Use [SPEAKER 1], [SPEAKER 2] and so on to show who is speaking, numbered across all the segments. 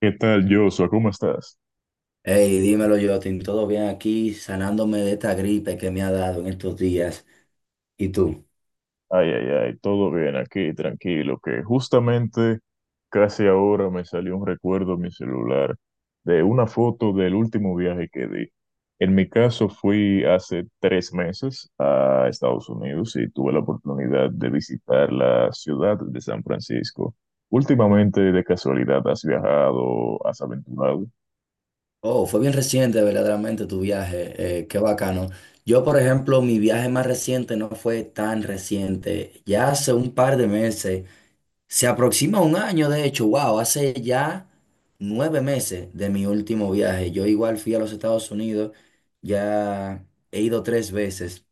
[SPEAKER 1] ¿Qué tal, Joshua? ¿Cómo estás?
[SPEAKER 2] Hey, dímelo, Jotin, ¿todo bien aquí? Sanándome de esta gripe que me ha dado en estos días. ¿Y tú?
[SPEAKER 1] Ay, ay, ay, todo bien aquí, tranquilo, que justamente casi ahora me salió un recuerdo en mi celular de una foto del último viaje que di. En mi caso fui hace 3 meses a Estados Unidos y tuve la oportunidad de visitar la ciudad de San Francisco. Últimamente, de casualidad, ¿has viajado, has aventurado?
[SPEAKER 2] Oh, fue bien reciente, verdaderamente, tu viaje. Qué bacano. Yo, por ejemplo, mi viaje más reciente no fue tan reciente. Ya hace un par de meses, se aproxima un año, de hecho, wow, hace ya 9 meses de mi último viaje. Yo igual fui a los Estados Unidos, ya he ido tres veces,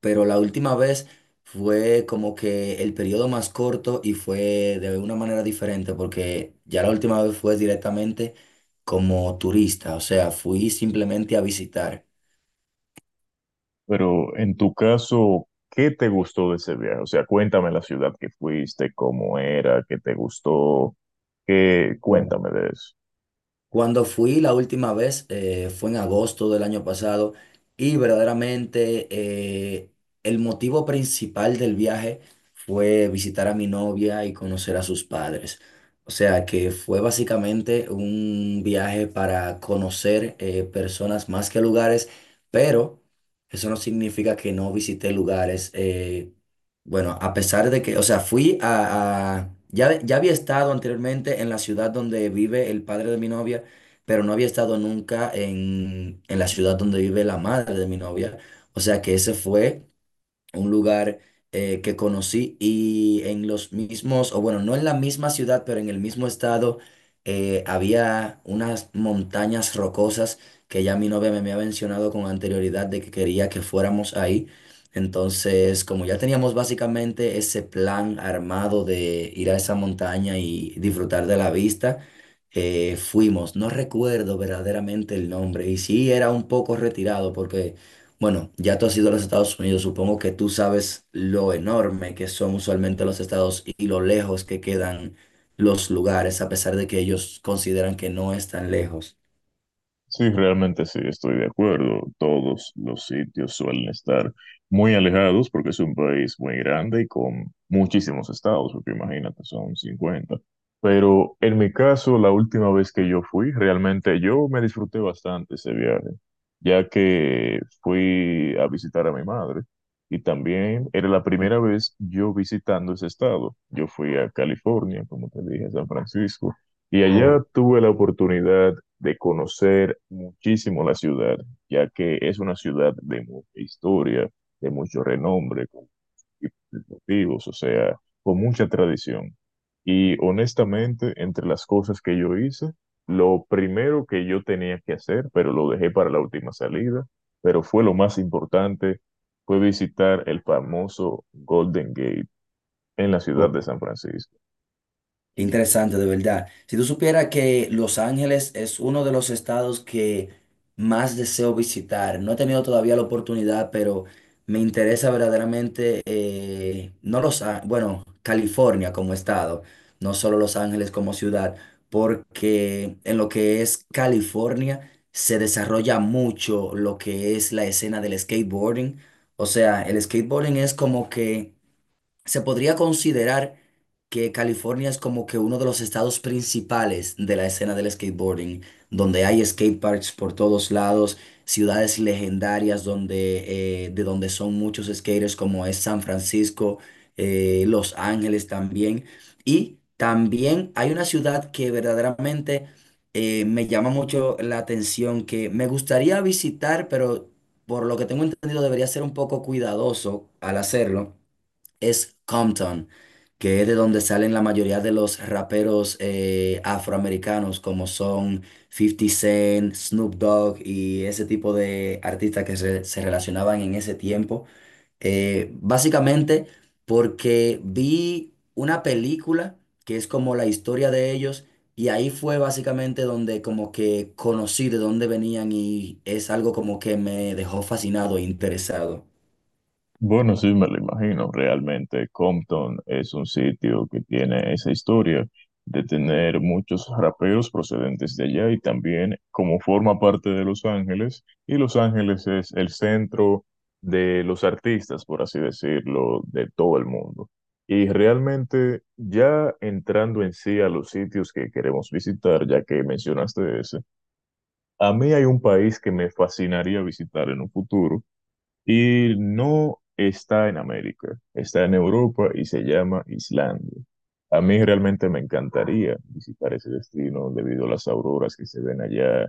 [SPEAKER 2] pero la última vez fue como que el periodo más corto y fue de una manera diferente, porque ya la última vez fue directamente como turista, o sea, fui simplemente a visitar.
[SPEAKER 1] Pero en tu caso, ¿qué te gustó de ese viaje? O sea, cuéntame la ciudad que fuiste, cómo era, qué te gustó, qué, cuéntame de eso.
[SPEAKER 2] Cuando fui la última vez fue en agosto del año pasado y verdaderamente, el motivo principal del viaje fue visitar a mi novia y conocer a sus padres. O sea que fue básicamente un viaje para conocer personas más que lugares, pero eso no significa que no visité lugares. Bueno, a pesar de que, o sea, ya, ya había estado anteriormente en la ciudad donde vive el padre de mi novia, pero no había estado nunca en la ciudad donde vive la madre de mi novia. O sea que ese fue un lugar, que conocí, y en los mismos, o bueno, no en la misma ciudad, pero en el mismo estado, había unas montañas rocosas que ya mi novia me había mencionado con anterioridad de que quería que fuéramos ahí. Entonces, como ya teníamos básicamente ese plan armado de ir a esa montaña y disfrutar de la vista, fuimos, no recuerdo verdaderamente el nombre, y sí era un poco retirado porque, bueno, ya tú has ido a los Estados Unidos, supongo que tú sabes lo enorme que son usualmente los estados y lo lejos que quedan los lugares, a pesar de que ellos consideran que no es tan lejos.
[SPEAKER 1] Sí, realmente sí, estoy de acuerdo. Todos los sitios suelen estar muy alejados porque es un país muy grande y con muchísimos estados, porque imagínate, son 50. Pero en mi caso, la última vez que yo fui, realmente yo me disfruté bastante ese viaje, ya que fui a visitar a mi madre y también era la primera vez yo visitando ese estado. Yo fui a California, como te dije, a San Francisco. Y
[SPEAKER 2] Oh,
[SPEAKER 1] allá tuve la oportunidad de conocer muchísimo la ciudad, ya que es una ciudad de mucha historia, de mucho renombre, con múltiples motivos, o sea, con mucha tradición. Y honestamente, entre las cosas que yo hice, lo primero que yo tenía que hacer, pero lo dejé para la última salida, pero fue lo más importante, fue visitar el famoso Golden Gate en la ciudad
[SPEAKER 2] ok.
[SPEAKER 1] de San Francisco.
[SPEAKER 2] Interesante, de verdad. Si tú supieras que Los Ángeles es uno de los estados que más deseo visitar, no he tenido todavía la oportunidad, pero me interesa verdaderamente, no Los Á- bueno, California como estado, no solo Los Ángeles como ciudad, porque en lo que es California se desarrolla mucho lo que es la escena del skateboarding. O sea, el skateboarding es como que se podría considerar que California es como que uno de los estados principales de la escena del skateboarding, donde hay skateparks por todos lados, ciudades legendarias donde, de donde son muchos skaters, como es San Francisco, Los Ángeles también. Y también hay una ciudad que verdaderamente, me llama mucho la atención, que me gustaría visitar, pero por lo que tengo entendido debería ser un poco cuidadoso al hacerlo, es Compton, que es de donde salen la mayoría de los raperos, afroamericanos, como son Fifty Cent, Snoop Dogg y ese tipo de artistas que se relacionaban en ese tiempo. Básicamente porque vi una película que es como la historia de ellos. Y ahí fue básicamente donde como que conocí de dónde venían y es algo como que me dejó fascinado e interesado.
[SPEAKER 1] Bueno, sí, me lo imagino. Realmente Compton es un sitio que tiene esa historia de tener muchos raperos procedentes de allá y también como forma parte de Los Ángeles, y Los Ángeles es el centro de los artistas, por así decirlo, de todo el mundo. Y realmente ya entrando en sí a los sitios que queremos visitar, ya que mencionaste ese, a mí hay un país que me fascinaría visitar en un futuro y no está en América, está en Europa y se llama Islandia. A mí realmente me encantaría visitar ese destino debido a las auroras que se ven allá,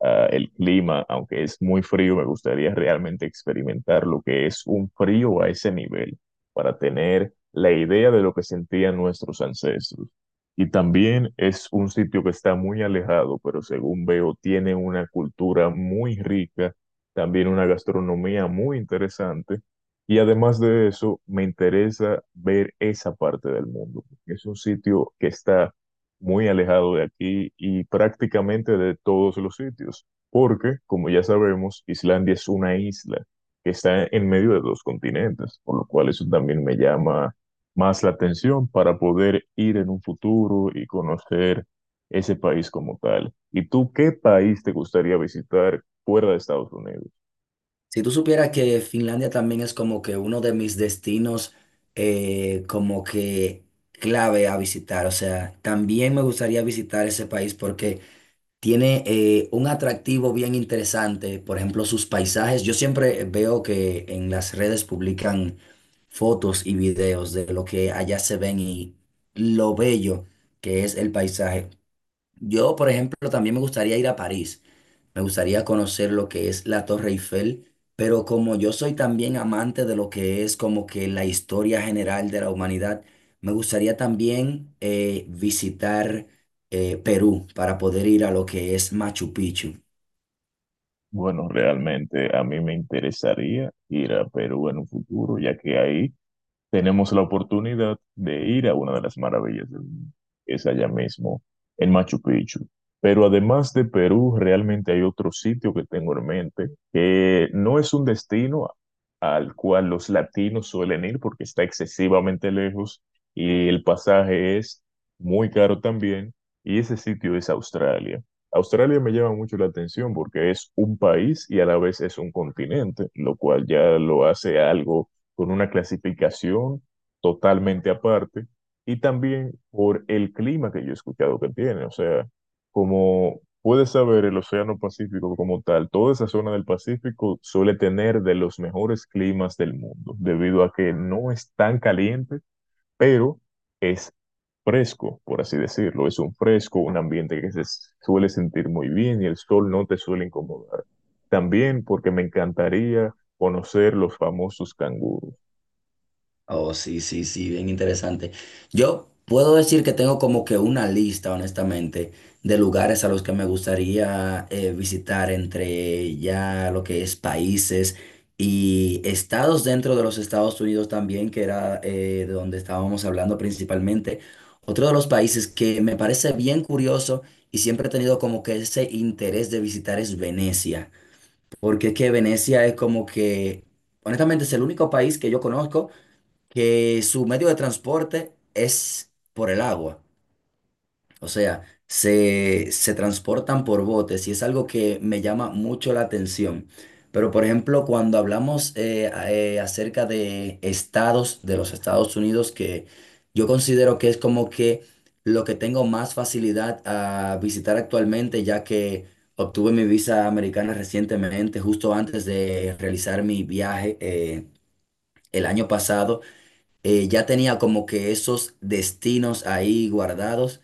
[SPEAKER 1] a el clima, aunque es muy frío, me gustaría realmente experimentar lo que es un frío a ese nivel para tener la idea de lo que sentían nuestros ancestros. Y también es un sitio que está muy alejado, pero según veo, tiene una cultura muy rica también una gastronomía muy interesante. Y además de eso, me interesa ver esa parte del mundo, porque es un sitio que está muy alejado de aquí y prácticamente de todos los sitios, porque, como ya sabemos, Islandia es una isla que está en medio de dos continentes, por lo cual eso también me llama más la atención para poder ir en un futuro y conocer ese país como tal. ¿Y tú qué país te gustaría visitar fuera de Estados Unidos?
[SPEAKER 2] Si tú supieras que Finlandia también es como que uno de mis destinos, como que clave a visitar, o sea, también me gustaría visitar ese país porque tiene, un atractivo bien interesante, por ejemplo, sus paisajes. Yo siempre veo que en las redes publican fotos y videos de lo que allá se ven y lo bello que es el paisaje. Yo, por ejemplo, también me gustaría ir a París. Me gustaría conocer lo que es la Torre Eiffel, pero como yo soy también amante de lo que es como que la historia general de la humanidad, me gustaría también, visitar Perú para poder ir a lo que es Machu Picchu.
[SPEAKER 1] Bueno, realmente a mí me interesaría ir a Perú en un futuro, ya que ahí tenemos la oportunidad de ir a una de las maravillas del mundo, que es allá mismo, en Machu Picchu. Pero además de Perú, realmente hay otro sitio que tengo en mente, que no es un destino al cual los latinos suelen ir porque está excesivamente lejos y el pasaje es muy caro también, y ese sitio es Australia. Australia me llama mucho la atención porque es un país y a la vez es un continente, lo cual ya lo hace algo con una clasificación totalmente aparte y también por el clima que yo he escuchado que tiene. O sea, como puedes saber, el Océano Pacífico como tal, toda esa zona del Pacífico suele tener de los mejores climas del mundo, debido a que no es tan caliente, pero es fresco, por así decirlo. Es un fresco, un ambiente que se suele sentir muy bien y el sol no te suele incomodar. También porque me encantaría conocer los famosos canguros.
[SPEAKER 2] Oh, sí, sí, sí, bien interesante. Yo puedo decir que tengo como que una lista, honestamente, de lugares a los que me gustaría, visitar, entre ya lo que es países y estados dentro de los Estados Unidos también, que era, de donde estábamos hablando principalmente. Otro de los países que me parece bien curioso y siempre he tenido como que ese interés de visitar es Venecia, porque es que Venecia es como que, honestamente, es el único país que yo conozco que su medio de transporte es por el agua. O sea, se transportan por botes y es algo que me llama mucho la atención. Pero, por ejemplo, cuando hablamos, acerca de estados de los Estados Unidos, que yo considero que es como que lo que tengo más facilidad a visitar actualmente, ya que obtuve mi visa americana recientemente, justo antes de realizar mi viaje, el año pasado, ya tenía como que esos destinos ahí guardados,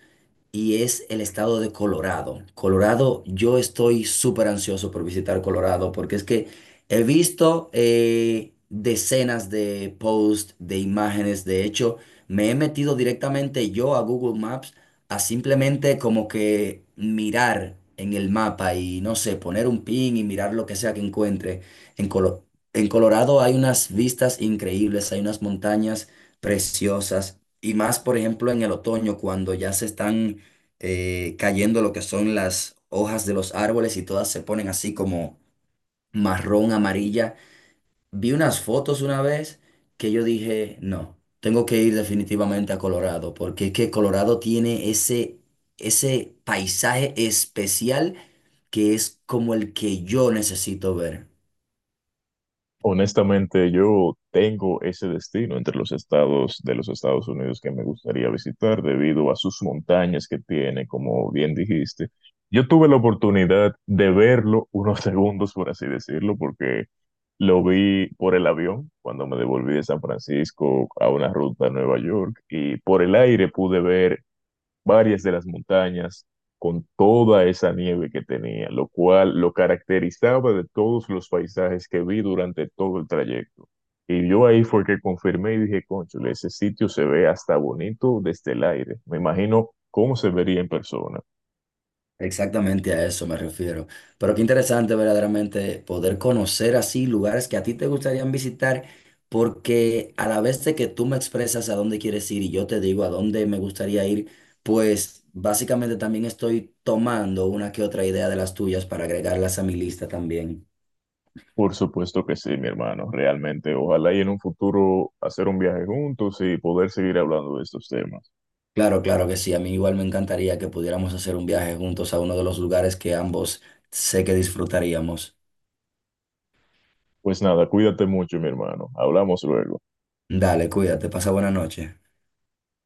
[SPEAKER 2] y es el estado de Colorado. Colorado, yo estoy súper ansioso por visitar Colorado porque es que he visto, decenas de posts, de imágenes, de hecho, me he metido directamente yo a Google Maps a simplemente como que mirar en el mapa y no sé, poner un pin y mirar lo que sea que encuentre. En Colo- en Colorado hay unas vistas increíbles, hay unas montañas preciosas. Y más, por ejemplo, en el otoño, cuando ya se están, cayendo lo que son las hojas de los árboles y todas se ponen así como marrón, amarilla. Vi unas fotos una vez que yo dije, no, tengo que ir definitivamente a Colorado, porque es que Colorado tiene ese, ese paisaje especial que es como el que yo necesito ver.
[SPEAKER 1] Honestamente, yo tengo ese destino entre los estados de los Estados Unidos que me gustaría visitar debido a sus montañas que tiene, como bien dijiste. Yo tuve la oportunidad de verlo unos segundos, por así decirlo, porque lo vi por el avión cuando me devolví de San Francisco a una ruta a Nueva York y por el aire pude ver varias de las montañas con toda esa nieve que tenía, lo cual lo caracterizaba de todos los paisajes que vi durante todo el trayecto. Y yo ahí fue que confirmé y dije, cónchale, ese sitio se ve hasta bonito desde el aire. Me imagino cómo se vería en persona.
[SPEAKER 2] Exactamente a eso me refiero. Pero qué interesante verdaderamente poder conocer así lugares que a ti te gustarían visitar, porque a la vez de que tú me expresas a dónde quieres ir y yo te digo a dónde me gustaría ir, pues básicamente también estoy tomando una que otra idea de las tuyas para agregarlas a mi lista también.
[SPEAKER 1] Por supuesto que sí, mi hermano, realmente. Ojalá y en un futuro hacer un viaje juntos y poder seguir hablando de estos temas.
[SPEAKER 2] Claro, claro que sí. A mí igual me encantaría que pudiéramos hacer un viaje juntos a uno de los lugares que ambos sé que disfrutaríamos.
[SPEAKER 1] Pues nada, cuídate mucho, mi hermano. Hablamos luego.
[SPEAKER 2] Dale, cuídate, pasa buena noche.